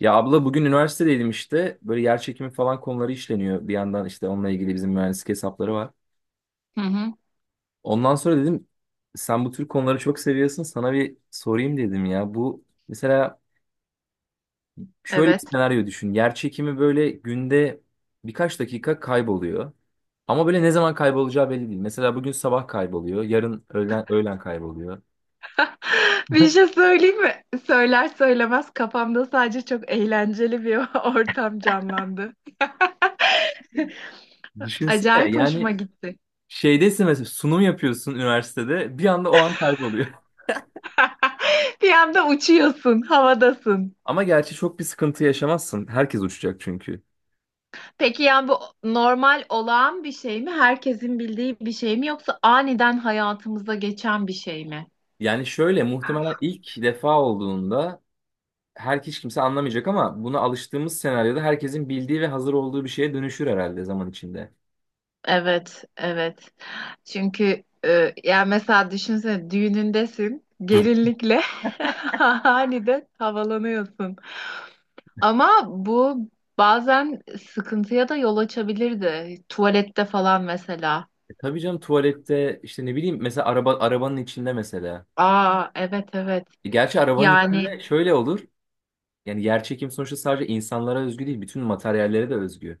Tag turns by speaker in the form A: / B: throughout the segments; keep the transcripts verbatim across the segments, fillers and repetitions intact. A: Ya abla bugün üniversitedeydim işte. Böyle yer çekimi falan konuları işleniyor. Bir yandan işte onunla ilgili bizim mühendislik hesapları var.
B: Hı hı.
A: Ondan sonra dedim sen bu tür konuları çok seviyorsun. Sana bir sorayım dedim ya. Bu mesela şöyle bir
B: Evet.
A: senaryo düşün. Yer çekimi böyle günde birkaç dakika kayboluyor. Ama böyle ne zaman kaybolacağı belli değil. Mesela bugün sabah kayboluyor. Yarın öğlen, öğlen kayboluyor.
B: Bir şey söyleyeyim mi? Söyler söylemez kafamda sadece çok eğlenceli bir ortam canlandı.
A: Düşünsene
B: Acayip
A: yani
B: hoşuma gitti.
A: şeydesin mesela sunum yapıyorsun üniversitede. Bir anda o an kayboluyor.
B: Bir anda uçuyorsun, havadasın.
A: Ama gerçi çok bir sıkıntı yaşamazsın. Herkes uçacak çünkü.
B: Peki yani bu normal olağan bir şey mi? Herkesin bildiği bir şey mi yoksa aniden hayatımıza geçen bir şey mi?
A: Yani şöyle muhtemelen ilk defa olduğunda her hiç kimse anlamayacak, ama buna alıştığımız senaryoda herkesin bildiği ve hazır olduğu bir şeye dönüşür herhalde zaman içinde.
B: Evet, evet. Çünkü e, yani mesela düşünsene düğünündesin,
A: Hı.
B: gelinlikle aniden havalanıyorsun. Ama bu bazen sıkıntıya da yol açabilirdi. Tuvalette falan mesela.
A: E tabii canım, tuvalette işte ne bileyim, mesela araba arabanın içinde mesela.
B: Aa, evet, evet.
A: E gerçi arabanın
B: Yani
A: içinde şöyle olur. Yani yerçekim sonuçta sadece insanlara özgü değil, bütün materyallere de özgü.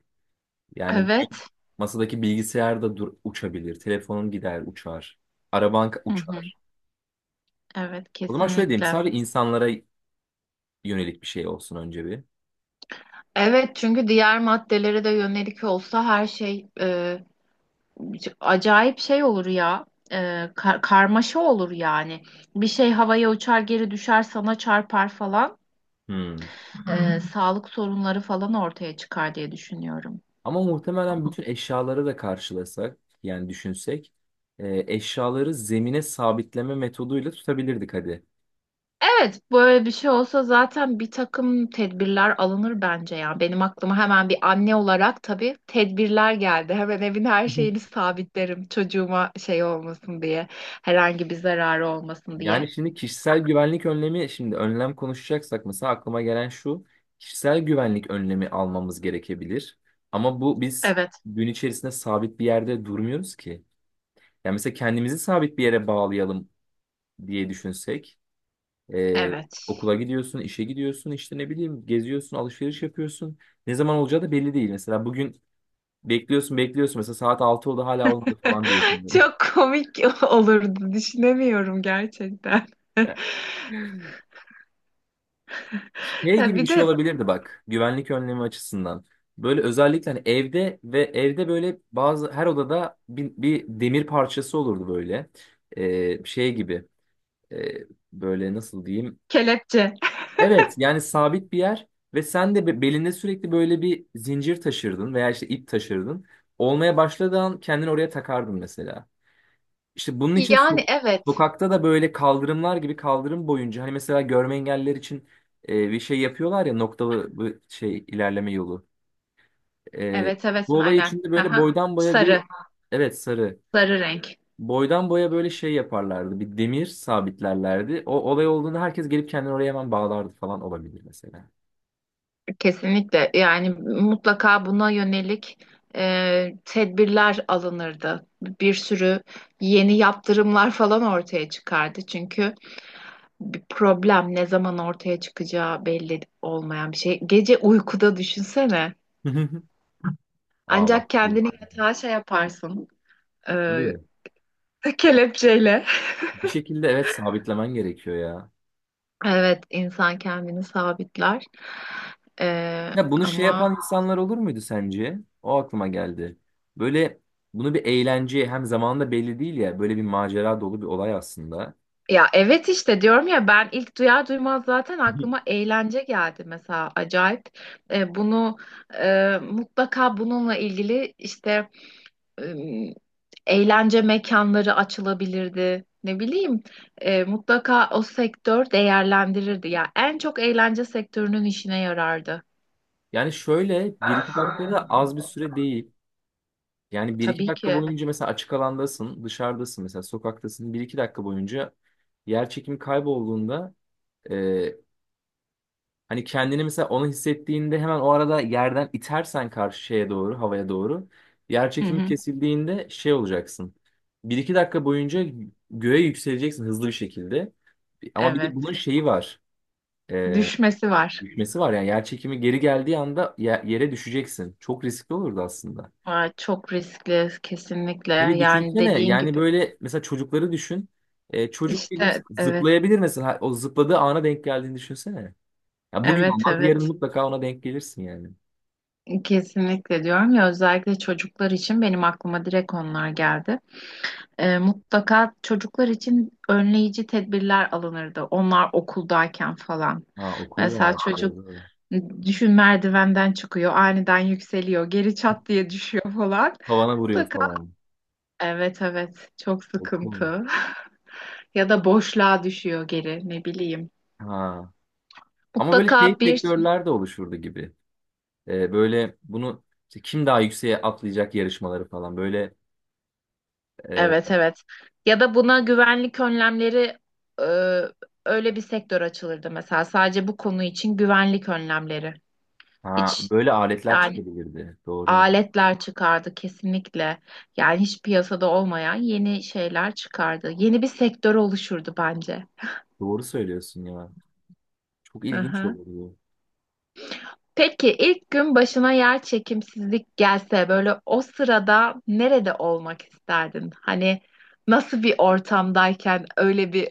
A: Yani bugün
B: evet.
A: masadaki bilgisayar da dur, uçabilir, telefonun gider, uçar, araban ka-
B: Hı hı,
A: uçar.
B: evet,
A: O zaman şöyle diyeyim.
B: kesinlikle.
A: Sadece insanlara yönelik bir şey olsun önce bir.
B: Evet, çünkü diğer maddelere de yönelik olsa her şey e, acayip şey olur ya. E, kar- karmaşa olur yani. Bir şey havaya uçar, geri düşer, sana çarpar falan.
A: Hmm.
B: E, Sağlık sorunları falan ortaya çıkar diye düşünüyorum.
A: Ama muhtemelen bütün eşyaları da karşılasak, yani düşünsek e, eşyaları zemine sabitleme metoduyla tutabilirdik hadi.
B: Evet, böyle bir şey olsa zaten bir takım tedbirler alınır bence ya. Benim aklıma hemen bir anne olarak tabii tedbirler geldi. Hemen evin her
A: Hı hı.
B: şeyini sabitlerim çocuğuma şey olmasın diye, herhangi bir zararı olmasın
A: Yani
B: diye.
A: şimdi kişisel güvenlik önlemi, şimdi önlem konuşacaksak mesela aklıma gelen şu: kişisel güvenlik önlemi almamız gerekebilir. Ama bu biz
B: Evet,
A: gün içerisinde sabit bir yerde durmuyoruz ki. Yani mesela kendimizi sabit bir yere bağlayalım diye düşünsek. Ee,
B: evet.
A: Okula gidiyorsun, işe gidiyorsun, işte ne bileyim geziyorsun, alışveriş yapıyorsun. Ne zaman olacağı da belli değil. Mesela bugün bekliyorsun, bekliyorsun. Mesela saat altı oldu, hala olmadı falan diyorsun böyle.
B: Çok komik olurdu, düşünemiyorum gerçekten.
A: Şey
B: Ya
A: gibi bir
B: bir
A: şey
B: de
A: olabilirdi bak, güvenlik önlemi açısından. Böyle özellikle hani evde, ve evde böyle bazı her odada bir, bir demir parçası olurdu böyle. Ee, şey gibi. Ee, Böyle nasıl diyeyim.
B: kelepçe.
A: Evet, yani sabit bir yer, ve sen de be- belinde sürekli böyle bir zincir taşırdın veya işte ip taşırdın. Olmaya başladığı an kendini oraya takardın mesela. İşte bunun için
B: Yani
A: so-
B: evet,
A: sokakta da böyle kaldırımlar gibi, kaldırım boyunca hani mesela görme engelliler için e, bir şey yapıyorlar ya, noktalı bu şey, ilerleme yolu. E,
B: evet, evet,
A: Bu olay
B: aynen.
A: içinde böyle
B: Aha.
A: boydan boya bir,
B: Sarı,
A: evet, sarı.
B: sarı renk.
A: Boydan boya böyle şey yaparlardı. Bir demir sabitlerlerdi. O olay olduğunda herkes gelip kendini oraya hemen bağlardı falan, olabilir mesela.
B: Kesinlikle yani mutlaka buna yönelik e, tedbirler alınırdı. Bir sürü yeni yaptırımlar falan ortaya çıkardı. Çünkü bir problem ne zaman ortaya çıkacağı belli olmayan bir şey. Gece uykuda düşünsene.
A: Aa, bak
B: Ancak
A: bu.
B: kendini yatağa şey yaparsın, e,
A: Tabii.
B: kelepçeyle.
A: Bir şekilde evet, sabitlemen gerekiyor ya.
B: Evet, insan kendini sabitler. E,
A: Ya bunu şey
B: ama
A: yapan insanlar olur muydu sence? O aklıma geldi. Böyle bunu bir eğlence, hem zamanında belli değil ya. Böyle bir macera dolu bir olay aslında.
B: Ya evet, işte diyorum ya, ben ilk duyar duymaz zaten aklıma eğlence geldi mesela, acayip. E, bunu e, mutlaka bununla ilgili işte e, eğlence mekanları açılabilirdi. Ne bileyim, e, mutlaka o sektör değerlendirirdi. Ya en çok eğlence sektörünün işine yarardı.
A: Yani şöyle, bir iki dakikada az bir süre değil. Yani bir iki
B: Tabii
A: dakika
B: ki.
A: boyunca mesela açık alandasın, dışarıdasın, mesela sokaktasın. Bir iki dakika boyunca yer çekimi kaybolduğunda e, hani kendini, mesela onu hissettiğinde hemen o arada yerden itersen karşı şeye doğru, havaya doğru, yer
B: Hı
A: çekimi
B: hı,
A: kesildiğinde şey olacaksın. Bir iki dakika boyunca göğe yükseleceksin hızlı bir şekilde. Ama bir de bunun
B: evet.
A: şeyi var. E,
B: Düşmesi var.
A: Düşmesi var, yani yer çekimi geri geldiği anda ye- yere düşeceksin. Çok riskli olurdu aslında.
B: Aa, çok riskli, kesinlikle.
A: Hele
B: Yani
A: düşünsene
B: dediğin
A: yani,
B: gibi.
A: böyle mesela çocukları düşün. E, çocuk bilir
B: İşte evet.
A: zıplayabilir mesela, o zıpladığı ana denk geldiğini düşünsene. Ya bugün
B: Evet,
A: olmaz, yarın
B: evet.
A: mutlaka ona denk gelirsin yani.
B: Kesinlikle diyorum ya, özellikle çocuklar için benim aklıma direkt onlar geldi. Ee, mutlaka çocuklar için önleyici tedbirler alınırdı. Onlar okuldayken falan.
A: Ha, okul
B: Mesela
A: var.
B: çocuk
A: Doğru.
B: düşün, merdivenden çıkıyor, aniden yükseliyor, geri çat diye düşüyor falan.
A: Tavana vuruyor
B: Mutlaka,
A: falan.
B: evet, evet, çok
A: Okul.
B: sıkıntı. Ya da boşluğa düşüyor geri, ne bileyim.
A: Ha. Ama böyle
B: Mutlaka
A: şey,
B: bir
A: sektörler de oluşurdu gibi. E, böyle bunu, işte kim daha yükseğe atlayacak yarışmaları falan, böyle e,
B: evet, evet. Ya da buna güvenlik önlemleri, e, öyle bir sektör açılırdı mesela. Sadece bu konu için güvenlik önlemleri.
A: ha,
B: Hiç,
A: böyle aletler
B: yani
A: çıkabilirdi. Doğru.
B: aletler çıkardı kesinlikle. Yani hiç piyasada olmayan yeni şeyler çıkardı. Yeni bir sektör oluşurdu bence.
A: Doğru söylüyorsun ya. Çok
B: Hı
A: ilginç
B: hı.
A: olurdu.
B: Peki ilk gün başına yer çekimsizlik gelse böyle o sırada nerede olmak isterdin? Hani nasıl bir ortamdayken öyle bir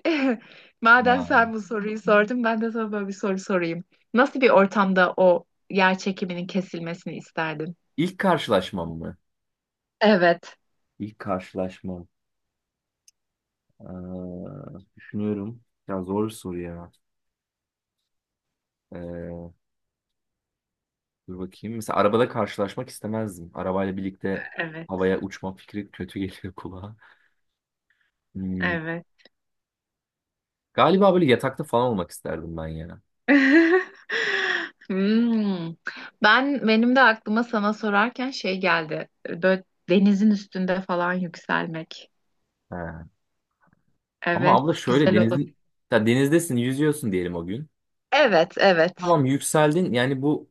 B: madem
A: Ha.
B: sen bu soruyu sordun, ben de sana böyle bir soru sorayım. Nasıl bir ortamda o yer çekiminin kesilmesini isterdin?
A: İlk karşılaşmam mı?
B: Evet,
A: İlk karşılaşmam. Ee, Düşünüyorum. Ya zor bir soru ya. Ee, Dur bakayım. Mesela arabada karşılaşmak istemezdim. Arabayla birlikte
B: evet,
A: havaya uçma fikri kötü geliyor kulağa. Hmm,
B: evet.
A: Galiba böyle yatakta falan olmak isterdim ben ya.
B: Hmm. Ben benim de aklıma sana sorarken şey geldi. Böyle denizin üstünde falan yükselmek.
A: He. Ama
B: Evet,
A: abla şöyle,
B: güzel olur.
A: denizin, ya denizdesin yüzüyorsun diyelim o gün.
B: Evet, evet.
A: Tamam, yükseldin, yani bu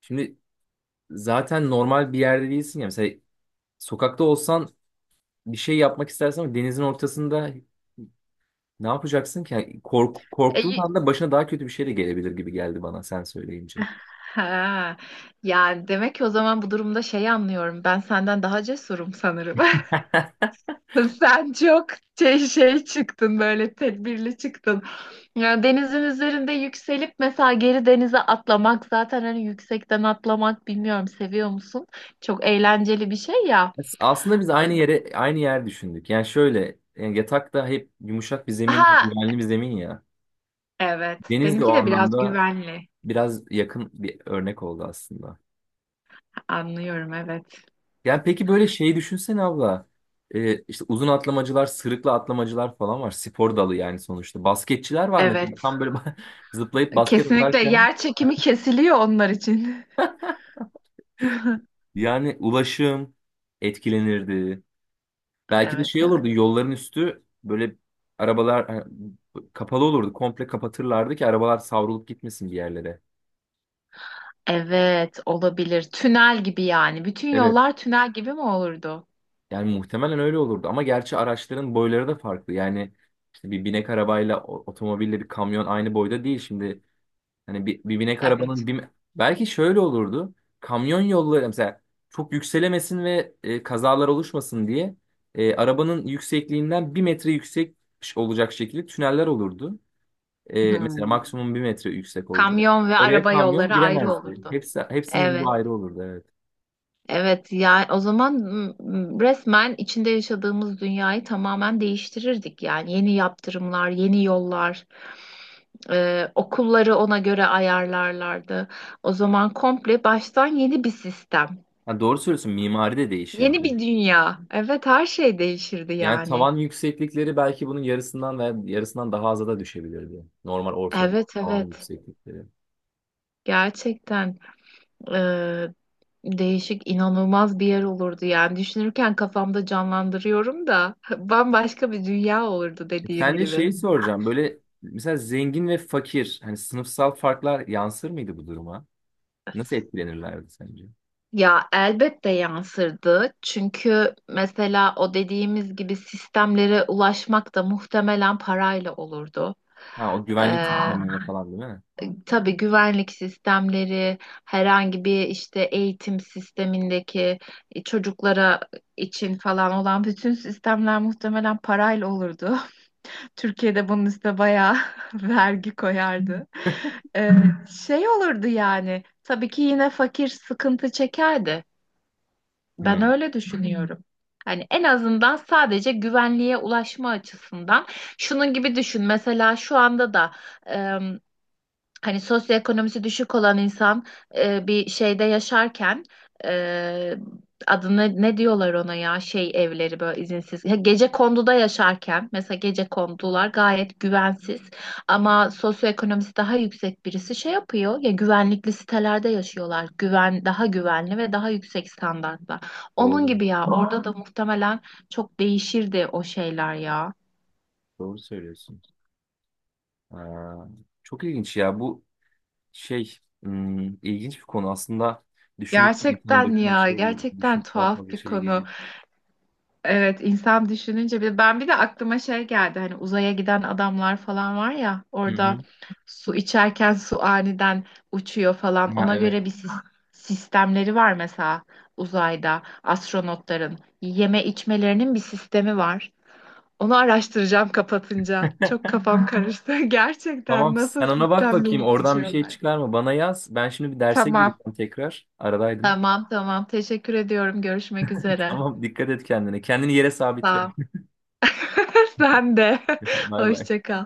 A: şimdi zaten normal bir yerde değilsin ya. Mesela sokakta olsan bir şey yapmak istersen, ama denizin ortasında ne yapacaksın ki? Yani Kork,
B: E,
A: korktuğun
B: y-
A: anda başına daha kötü bir şey de gelebilir gibi geldi bana sen söyleyince.
B: ha. Yani demek ki o zaman bu durumda şeyi anlıyorum. Ben senden daha cesurum sanırım. Sen çok şey, şey çıktın, böyle tedbirli çıktın. Yani denizin üzerinde yükselip mesela geri denize atlamak, zaten hani yüksekten atlamak, bilmiyorum, seviyor musun? Çok eğlenceli bir şey ya.
A: As- Aslında biz aynı yere aynı yer düşündük. Yani şöyle, yani yatak da hep yumuşak bir zemin,
B: Ha
A: güvenli bir zemin ya.
B: evet.
A: Deniz de o
B: Benimki de biraz
A: anlamda
B: güvenli.
A: biraz yakın bir örnek oldu aslında.
B: Anlıyorum, evet.
A: Yani peki, böyle şeyi düşünsene abla. Ee, işte uzun atlamacılar, sırıkla atlamacılar falan var. Spor dalı yani sonuçta. Basketçiler var mesela.
B: Evet.
A: Tam böyle zıplayıp basket
B: Kesinlikle
A: atarken,
B: yer çekimi kesiliyor onlar için.
A: yani ulaşım etkilenirdi. Belki de
B: Evet,
A: şey
B: evet.
A: olurdu, yolların üstü böyle, arabalar ha, kapalı olurdu. Komple kapatırlardı ki arabalar savrulup gitmesin bir yerlere.
B: Evet, olabilir. Tünel gibi yani. Bütün
A: Evet.
B: yollar tünel gibi mi olurdu?
A: Yani muhtemelen öyle olurdu. Ama gerçi araçların boyları da farklı. Yani işte bir binek arabayla o- otomobille bir kamyon aynı boyda değil. Şimdi hani bir, bir binek
B: Evet.
A: arabanın bir... Belki şöyle olurdu. Kamyon yolları mesela çok yükselemesin ve e, kazalar oluşmasın diye e, arabanın yüksekliğinden bir metre yüksek olacak şekilde tüneller olurdu. E, mesela
B: Hmm.
A: maksimum bir metre yüksek olacak.
B: Kamyon ve
A: Oraya
B: araba
A: kamyon
B: yolları ayrı
A: giremezdi.
B: olurdu.
A: Hepsi, hepsinin yolu
B: Evet.
A: ayrı olurdu, evet.
B: Evet ya, o zaman mm, resmen içinde yaşadığımız dünyayı tamamen değiştirirdik yani, yeni yaptırımlar, yeni yollar, e, okulları ona göre ayarlarlardı. O zaman komple baştan yeni bir sistem,
A: Ha, doğru söylüyorsun, mimari de
B: yeni
A: değişirdi.
B: bir dünya. Evet, her şey değişirdi
A: Yani
B: yani.
A: tavan yükseklikleri belki bunun yarısından veya yarısından daha aza da düşebilirdi. Normal ortalama
B: Evet,
A: tavan
B: evet.
A: yükseklikleri.
B: Gerçekten eee, değişik, inanılmaz bir yer olurdu yani. Düşünürken kafamda canlandırıyorum da bambaşka bir dünya olurdu
A: E,
B: dediğim
A: sence
B: gibi.
A: şeyi soracağım, böyle mesela zengin ve fakir, hani sınıfsal farklar yansır mıydı bu duruma? Nasıl etkilenirlerdi sence?
B: Ya elbette yansırdı. Çünkü mesela o dediğimiz gibi sistemlere ulaşmak da muhtemelen parayla olurdu.
A: Ha, o güvenlik
B: Ee,
A: sistemlerine falan, değil mi?
B: tabii güvenlik sistemleri, herhangi bir işte eğitim sistemindeki e, çocuklara için falan olan bütün sistemler muhtemelen parayla olurdu. Türkiye'de bunun üstüne bayağı vergi koyardı. Ee, Şey olurdu yani. Tabii ki yine fakir sıkıntı çekerdi. Ben
A: Hmm,
B: öyle düşünüyorum. Hani en azından sadece güvenliğe ulaşma açısından. Şunun gibi düşün. Mesela şu anda da hani sosyoekonomisi düşük olan insan e, bir şeyde yaşarken e, adını ne diyorlar ona, ya şey evleri, böyle izinsiz, ya gece konduda yaşarken mesela, gece kondular gayet güvensiz ama sosyoekonomisi daha yüksek birisi şey yapıyor ya, güvenlikli sitelerde yaşıyorlar, güven daha güvenli ve daha yüksek standartta, onun
A: doğru.
B: gibi ya, orada da muhtemelen çok değişirdi o şeyler ya.
A: Doğru söylüyorsun. Aa, çok ilginç ya. Bu Şey, hmm, ilginç bir konu aslında. Düşündük, insanın
B: Gerçekten
A: başına bir
B: ya,
A: şey geliyor.
B: gerçekten
A: Düşünüp daha
B: tuhaf
A: fazla
B: bir
A: şey
B: konu.
A: geliyor.
B: Evet, insan düşününce, bir ben bir de aklıma şey geldi, hani uzaya giden adamlar falan var ya,
A: Hı
B: orada
A: hı.
B: su içerken su aniden uçuyor falan,
A: Ha,
B: ona
A: evet.
B: göre bir sis- sistemleri var mesela, uzayda astronotların yeme içmelerinin bir sistemi var. Onu araştıracağım kapatınca. Çok kafam karıştı. Gerçekten
A: Tamam,
B: nasıl
A: sen ona bak bakayım,
B: sistemleyip
A: oradan bir şey
B: içiyorlar.
A: çıkar mı? Bana yaz. Ben şimdi bir derse
B: Tamam.
A: gireceğim tekrar. Aradaydım.
B: Tamam tamam. Teşekkür ediyorum. Görüşmek üzere.
A: Tamam, dikkat et kendine. Kendini yere sabitle.
B: Sağ ol. Sen de.
A: Bay bay.
B: Hoşça kal.